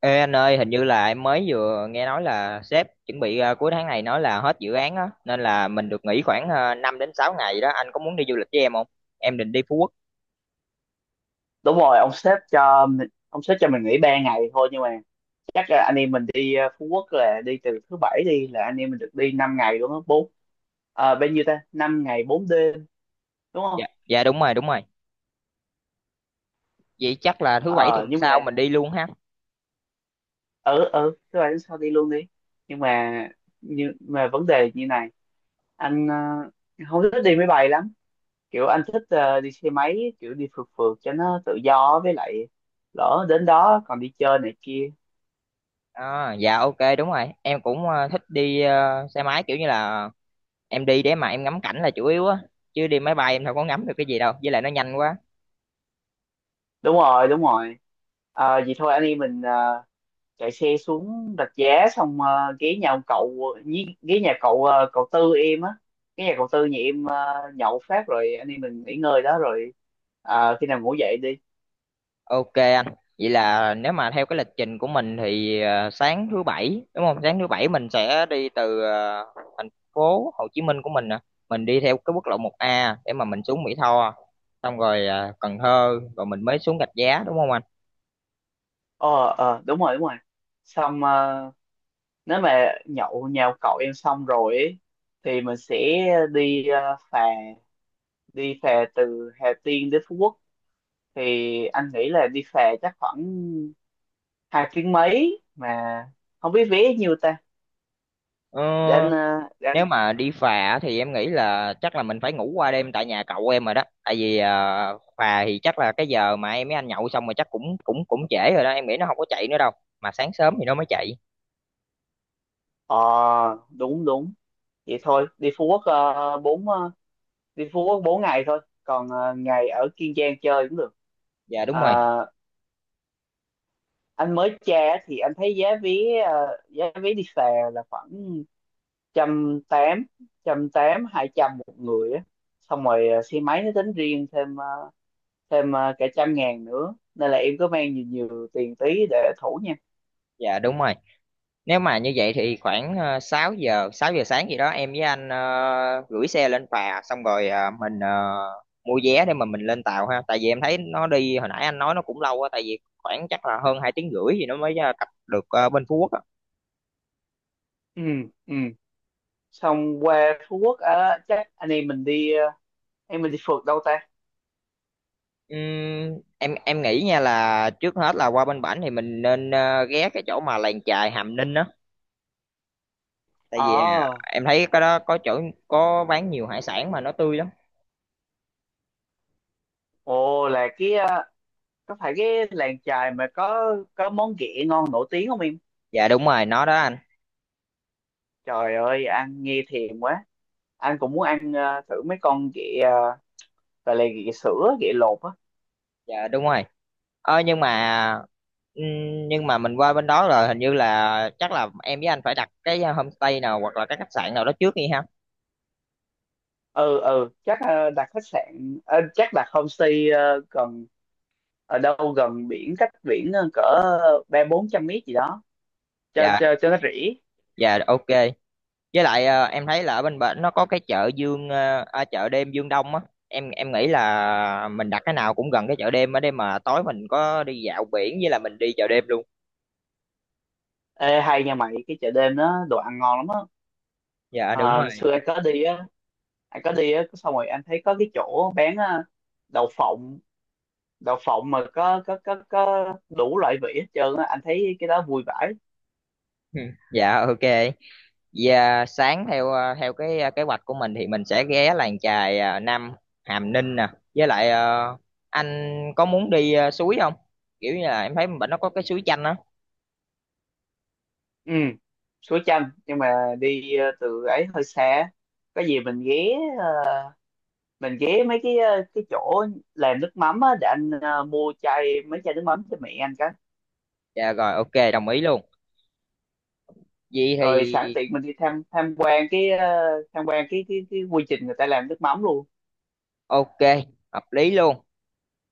Ê anh ơi, hình như là em mới vừa nghe nói là sếp chuẩn bị cuối tháng này nói là hết dự án á, nên là mình được nghỉ khoảng 5 đến 6 ngày đó. Anh có muốn đi du lịch với em không? Em định đi Phú Quốc. Đúng rồi, ông sếp cho mình nghỉ 3 ngày thôi. Nhưng mà chắc là anh em mình đi Phú Quốc, là đi từ thứ bảy đi là anh em mình được đi 5 ngày luôn á, bốn. Bao nhiêu ta, 5 ngày 4 đêm, đúng không? Dạ, dạ đúng rồi, đúng rồi. Vậy chắc là thứ bảy tuần ờ nhưng sau mà mình đi luôn ha. ừ, ừ, thứ bảy đến sau đi luôn đi. Nhưng mà, vấn đề như này: anh không thích đi máy bay lắm. Kiểu anh thích đi xe máy, kiểu đi phượt phượt cho nó tự do, với lại lỡ đến đó còn đi chơi này kia. À, dạ ok đúng rồi. Em cũng thích đi xe máy kiểu như là em đi để mà em ngắm cảnh là chủ yếu á, chứ đi máy bay em đâu có ngắm được cái gì đâu, với lại nó nhanh quá. Đúng rồi, đúng rồi. Ờ, vậy thôi anh em mình chạy xe xuống Rạch Giá xong, ghé nhà ông cậu, ghé nhà cậu, cậu Tư em á, ghé nhà cậu Tư nhà em. Ờ, Nhậu phát rồi anh em mình nghỉ ngơi đó rồi, khi nào ngủ dậy đi. Ok anh, vậy là nếu mà theo cái lịch trình của mình thì sáng thứ bảy đúng không? Sáng thứ bảy mình sẽ đi từ thành phố Hồ Chí Minh của mình nè, mình đi theo cái quốc lộ 1A để mà mình xuống Mỹ Tho, xong rồi Cần Thơ, rồi mình mới xuống Rạch Giá đúng không anh? ờ Đúng rồi, đúng rồi. Xong, nếu mà nhậu nhà ông cậu em xong rồi ấy, thì mình sẽ đi phà từ Hà Tiên đến Phú Quốc. Thì anh nghĩ là đi phà chắc khoảng 2 tiếng mấy, mà không biết vé nhiêu ta. Ờ, để anh ờ, để nếu anh mà đi phà thì em nghĩ là chắc là mình phải ngủ qua đêm tại nhà cậu em rồi đó, tại vì phà thì chắc là cái giờ mà em với anh nhậu xong rồi chắc cũng cũng cũng trễ rồi đó, em nghĩ nó không có chạy nữa đâu, mà sáng sớm thì nó mới chạy. Ờ, đúng, đúng, vậy thôi đi Phú Quốc, bốn, đi Phú Quốc 4 ngày thôi, còn ngày ở Kiên Giang chơi cũng được. Dạ đúng rồi, À, anh mới tra thì anh thấy giá vé, giá vé đi phà là khoảng trăm tám, trăm tám, hai trăm một người á. Xong rồi, xe máy nó tính riêng thêm cả trăm ngàn nữa, nên là em cứ mang nhiều nhiều tiền tí để thủ nha. dạ đúng rồi. Nếu mà như vậy thì khoảng 6 giờ, 6 giờ sáng gì đó em với anh gửi xe lên phà xong rồi mình mua vé để mà mình lên tàu ha. Tại vì em thấy nó đi hồi nãy anh nói nó cũng lâu quá tại vì khoảng chắc là hơn 2 tiếng rưỡi thì nó mới cập được bên Phú Quốc á. Ừ, ừ, xong qua Phú Quốc á, chắc anh em mình đi, em mình đi phượt đâu ta. Em nghĩ nha là trước hết là qua bên Bảnh thì mình nên ghé cái chỗ mà làng chài Hàm Ninh á. Tại vì ờ em thấy cái đó có chỗ có bán nhiều hải sản mà nó tươi lắm. Ồ, là cái, có phải cái làng chài mà có món ghẹ ngon nổi tiếng không em? Dạ đúng rồi, nó đó anh. Trời ơi ăn nghe thèm quá, anh cũng muốn ăn thử mấy con ghẹ, gọi là ghẹ sữa ghẹ lột á. Dạ đúng rồi. Ờ ừm, nhưng mà mình qua bên đó rồi hình như là chắc là em với anh phải đặt cái homestay nào hoặc là cái khách sạn nào đó trước đi ha. Ừ, ừ, chắc đặt khách sạn, chắc đặt homestay, gần, ở đâu gần biển, cách biển cỡ ba bốn trăm mét gì đó, cho Dạ cho cho nó rỉ. dạ ok. Với lại em thấy là ở bên bển nó có cái chợ Dương chợ đêm Dương Đông á. Em nghĩ là mình đặt cái nào cũng gần cái chợ đêm ở đây mà tối mình có đi dạo biển với là mình đi chợ đêm luôn. Ê, hay nha mày, cái chợ đêm đó đồ ăn ngon lắm á. Dạ đúng Ờ, rồi. xưa anh có đi á, xong rồi anh thấy có cái chỗ bán đậu phộng, đậu phộng mà có đủ loại vị hết trơn á, anh thấy cái đó vui vãi. Dạ ok. Và sáng theo theo cái kế hoạch của mình thì mình sẽ ghé làng chài Nam Hàm Ninh nè. Với lại anh có muốn đi suối không? Kiểu như là em thấy bệnh nó có cái suối chanh á. Ừ, suối chanh nhưng mà đi, từ ấy hơi xa, có gì mình ghé, ờ, mình ghé mấy cái, cái chỗ làm nước mắm á, để anh mua chai, mấy chai nước mắm cho mẹ anh cái. Dạ rồi ok đồng ý luôn. Vậy Rồi sẵn thì tiện mình đi tham tham quan cái, quy trình người ta làm nước mắm luôn. ok hợp lý luôn.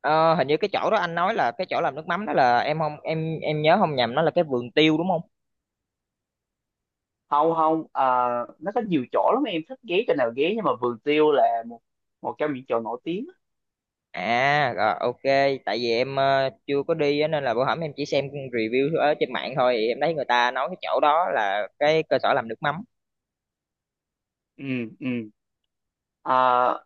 Ờ, hình như cái chỗ đó anh nói là cái chỗ làm nước mắm đó là em không em nhớ không nhầm nó là cái vườn tiêu đúng không? Không, không, à, nó có nhiều chỗ lắm, em thích ghé chỗ nào ghé, nhưng mà vườn tiêu là một một trong những chỗ nổi tiếng á. À rồi, ok, tại vì em chưa có đi á, nên là bữa hổm em chỉ xem review ở trên mạng thôi thì em thấy người ta nói cái chỗ đó là cái cơ sở làm nước mắm. Ừ, ừ, à,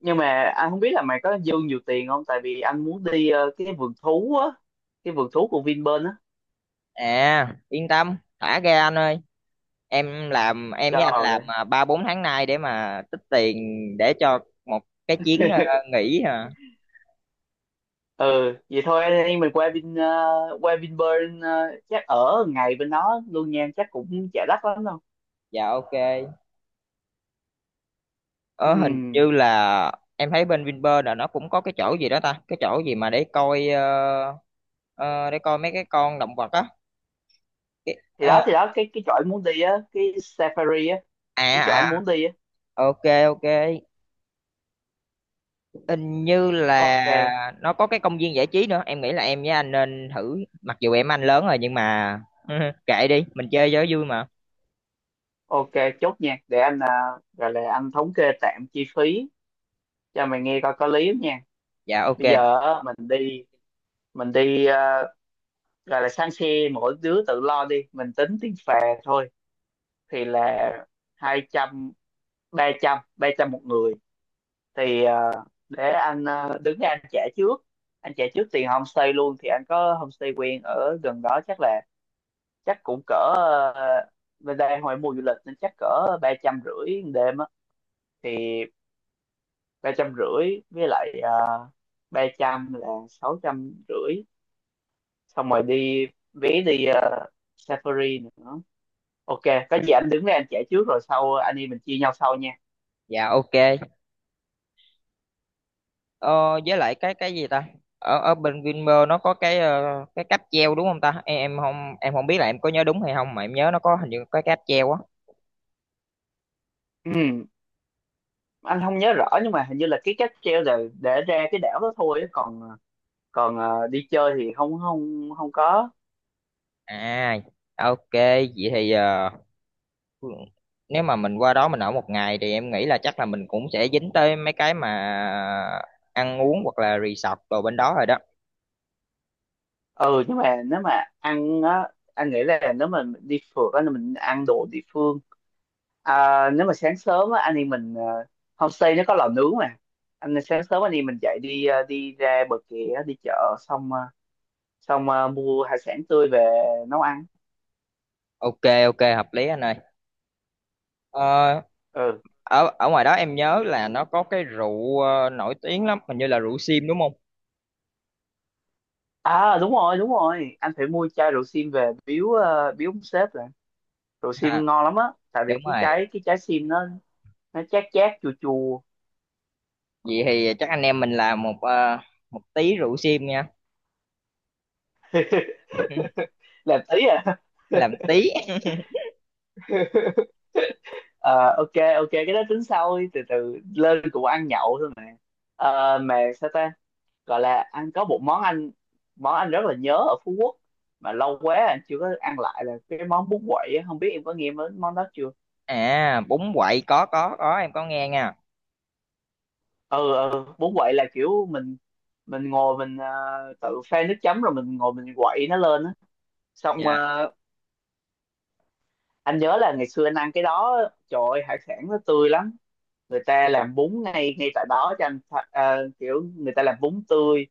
nhưng mà anh không biết là mày có dư nhiều tiền không, tại vì anh muốn đi cái vườn thú á, cái vườn thú của Vinpearl á. À, yên tâm, thả ra anh ơi. Em làm em Trời với anh làm ơi. Ba bốn tháng nay để mà tích tiền để cho một cái chuyến nghỉ hả? Ừ vậy thôi anh em mình qua Vinpearl, chắc ở ngày bên đó luôn nha, chắc cũng chả đắt lắm đâu. Dạ ok. Ờ hình Ừ, như là em thấy bên Vinpearl là nó cũng có cái chỗ gì đó ta, cái chỗ gì mà để coi để coi mấy cái con động vật á. thì Ờ, đó thì đó cái chỗ anh muốn đi á, cái safari á, à cái chỗ à anh muốn đi á. à. Ok, ok, hình như Ok. là nó có cái công viên giải trí nữa em nghĩ là em với anh nên thử mặc dù em anh lớn rồi nhưng mà kệ đi mình chơi cho vui mà. Ok, chốt nha. Để anh à, gọi là anh thống kê tạm chi phí cho mày nghe coi có lý không nha. Dạ ok, Bây giờ á, mình đi, à, gọi là sang xe mỗi đứa tự lo đi, mình tính tiền phà thôi, thì là hai trăm, ba trăm một người. Thì à, để anh à, đứng ra anh trả trước. Anh trả trước tiền homestay luôn, thì anh có homestay quen ở gần đó chắc là, chắc cũng cỡ, à, bên đây hồi mùa du lịch nên chắc cỡ ba trăm rưỡi đêm á, thì ba trăm rưỡi với lại, ba trăm là sáu trăm rưỡi. Xong rồi đi vé đi, Safari nữa. Ok, có gì anh đứng đây anh trả trước rồi sau anh em mình chia nhau sau nha. dạ ok. Ờ, với lại cái cái gì ta ở ở bên Vinpearl nó có cái cái cáp treo đúng không ta em không biết là em có nhớ đúng hay không mà em nhớ nó có hình như có cái cáp treo á. Ừm, anh không nhớ rõ nhưng mà hình như là cái cáp treo là để ra cái đảo đó thôi á, còn, còn đi chơi thì không, không, không có. À ok, vậy thì nếu mà mình qua đó mình ở một ngày thì em nghĩ là chắc là mình cũng sẽ dính tới mấy cái mà ăn uống hoặc là resort đồ bên đó rồi đó. Ừ nhưng mà nếu mà ăn á anh nghĩ là nếu mà mình đi phượt á là mình ăn đồ địa phương. À, nếu mà sáng sớm á, anh em mình, homestay nó có lò nướng mà, anh sáng sớm anh em mình dậy đi, đi ra bờ kè á, đi chợ xong, mua hải sản tươi về nấu ăn. Ok ok hợp lý anh ơi. ờ, Ừ, ở ở ngoài đó em nhớ là nó có cái rượu nổi tiếng lắm hình như là rượu sim đúng không? à, đúng rồi, đúng rồi, anh phải mua chai rượu sim về biếu, biếu ông sếp rồi, rượu Ha, sim ngon lắm á, tại vì đúng cái rồi. trái cái trái sim nó, chát chát chua chua. Vậy thì chắc anh em mình làm một một tí rượu sim nha. Làm tí à. Làm tí Ờ, ok, ok, cái đó tính sau đi, từ từ lên cũng ăn nhậu thôi mà. Ờ, mà sao ta, gọi là ăn có một món anh, món anh rất là nhớ ở Phú Quốc mà lâu quá anh chưa có ăn lại, là cái món bún quậy á. Không biết em có nghe món món đó chưa. à. Bún quậy có, em có nghe nha. Ừ, ừ, bún quậy là kiểu mình ngồi mình, tự pha nước chấm rồi mình ngồi mình quậy nó lên á, xong, Dạ, anh nhớ là ngày xưa anh ăn cái đó, trời ơi hải sản nó tươi lắm, người ta làm bún ngay ngay tại đó cho anh kiểu người ta làm bún tươi,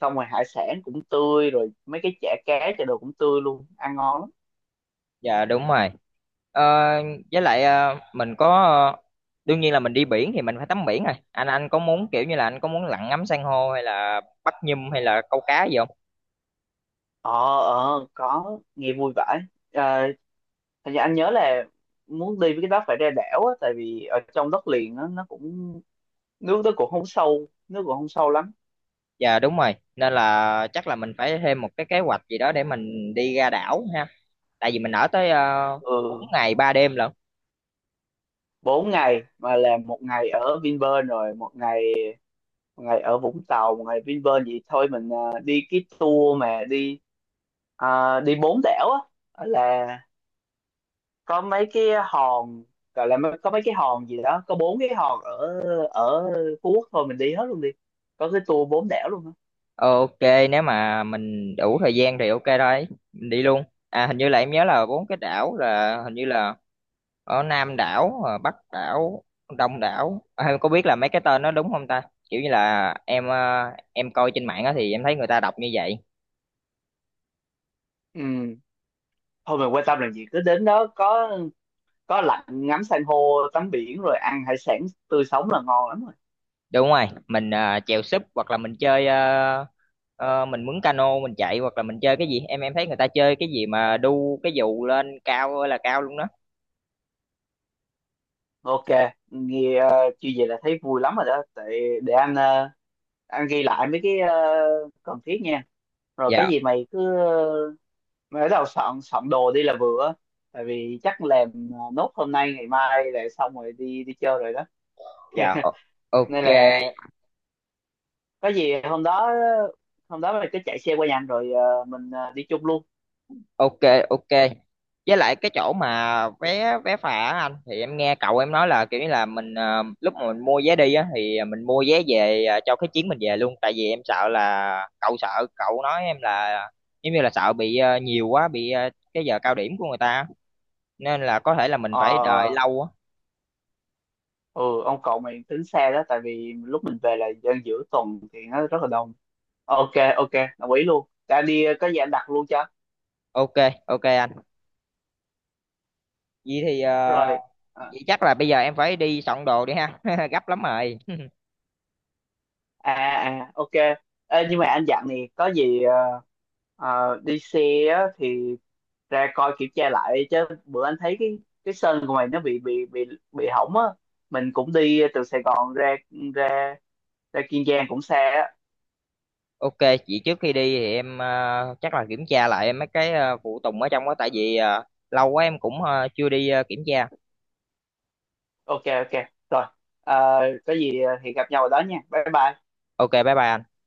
xong rồi hải sản cũng tươi rồi mấy cái chả cá chả đồ cũng tươi luôn ăn ngon lắm. dạ đúng rồi. Ờ, với lại mình có ờ, đương nhiên là mình đi biển thì mình phải tắm biển rồi. Anh có muốn kiểu như là anh có muốn lặn ngắm san hô hay là bắt nhum hay là câu cá gì không? ờ có nghe vui vãi. À, thật ra anh nhớ là muốn đi với cái đó phải ra đảo á, tại vì ở trong đất liền nó cũng nước nó cũng không sâu, nước cũng không sâu lắm. Dạ đúng rồi. Nên là chắc là mình phải thêm một cái kế hoạch gì đó để mình đi ra đảo ha. Tại vì mình ở tới 4 Ừ, ngày 3 đêm lận. bốn ngày mà làm một ngày ở Vinpearl rồi một ngày ở Vũng Tàu, một ngày Vinpearl, vậy thôi mình à, đi cái tour mà đi, à, đi bốn đảo á, là có mấy cái hòn, gọi là có mấy cái hòn gì đó, có bốn cái hòn ở, ở Phú Quốc thôi mình đi hết luôn đi, có cái tour bốn đảo luôn á. Ờ, ok nếu mà mình đủ thời gian thì ok thôi. Mình đi luôn. À hình như là em nhớ là bốn cái đảo là hình như là ở Nam đảo Bắc đảo Đông đảo à, em có biết là mấy cái tên nó đúng không ta, kiểu như là em coi trên mạng á thì em thấy người ta đọc như vậy. Ừ. Thôi mình quan tâm làm gì, cứ đến đó có lạnh ngắm san hô tắm biển rồi ăn hải sản tươi sống là ngon lắm rồi. Đúng rồi, mình chèo súp hoặc là mình chơi mình mướn cano mình chạy hoặc là mình chơi cái gì em thấy người ta chơi cái gì mà đu cái dù lên cao ơi là cao luôn đó. Ok, nghe như vậy là thấy vui lắm rồi đó, tại để anh, anh ghi lại mấy cái cần thiết nha, rồi có Dạ, gì mày cứ, mà bắt đầu soạn soạn đồ đi là vừa á. Tại vì chắc làm à, nốt hôm nay ngày mai là xong rồi đi đi chơi rồi đó. dạ o- ok. Nên là có gì hôm đó, mình cứ chạy xe qua nhà anh rồi mình đi chung luôn. Ok, ok, với lại cái chỗ mà vé vé phà á anh thì em nghe cậu em nói là kiểu như là mình lúc mà mình mua vé đi á thì mình mua vé về cho cái chuyến mình về luôn tại vì em sợ là cậu sợ cậu nói em là giống như là sợ bị nhiều quá bị cái giờ cao điểm của người ta nên là có thể là mình phải đợi ờ lâu á. ừ, ông cậu mày tính xe đó tại vì lúc mình về là dân giữa tuần thì nó rất là đông. Ok, ok, đồng ý luôn đã đi, có gì anh đặt luôn cho. Ok, ok anh, vậy thì Rồi. à vậy chắc là bây giờ em phải đi soạn đồ đi ha. Gấp lắm rồi. à ok. Ê, nhưng mà anh dặn này, có gì đi xe á, thì ra coi kiểm tra lại chứ, bữa anh thấy cái sân của mày nó bị hỏng á, mình cũng đi từ Sài Gòn ra ra ra Kiên Giang cũng xa á. Ok, chị trước khi đi thì em chắc là kiểm tra lại mấy cái phụ tùng ở trong đó tại vì lâu quá em cũng chưa đi kiểm tra. Ok, ok, rồi. Ờ, có gì thì gặp nhau ở đó nha, bye bye. Ok, bye bye anh.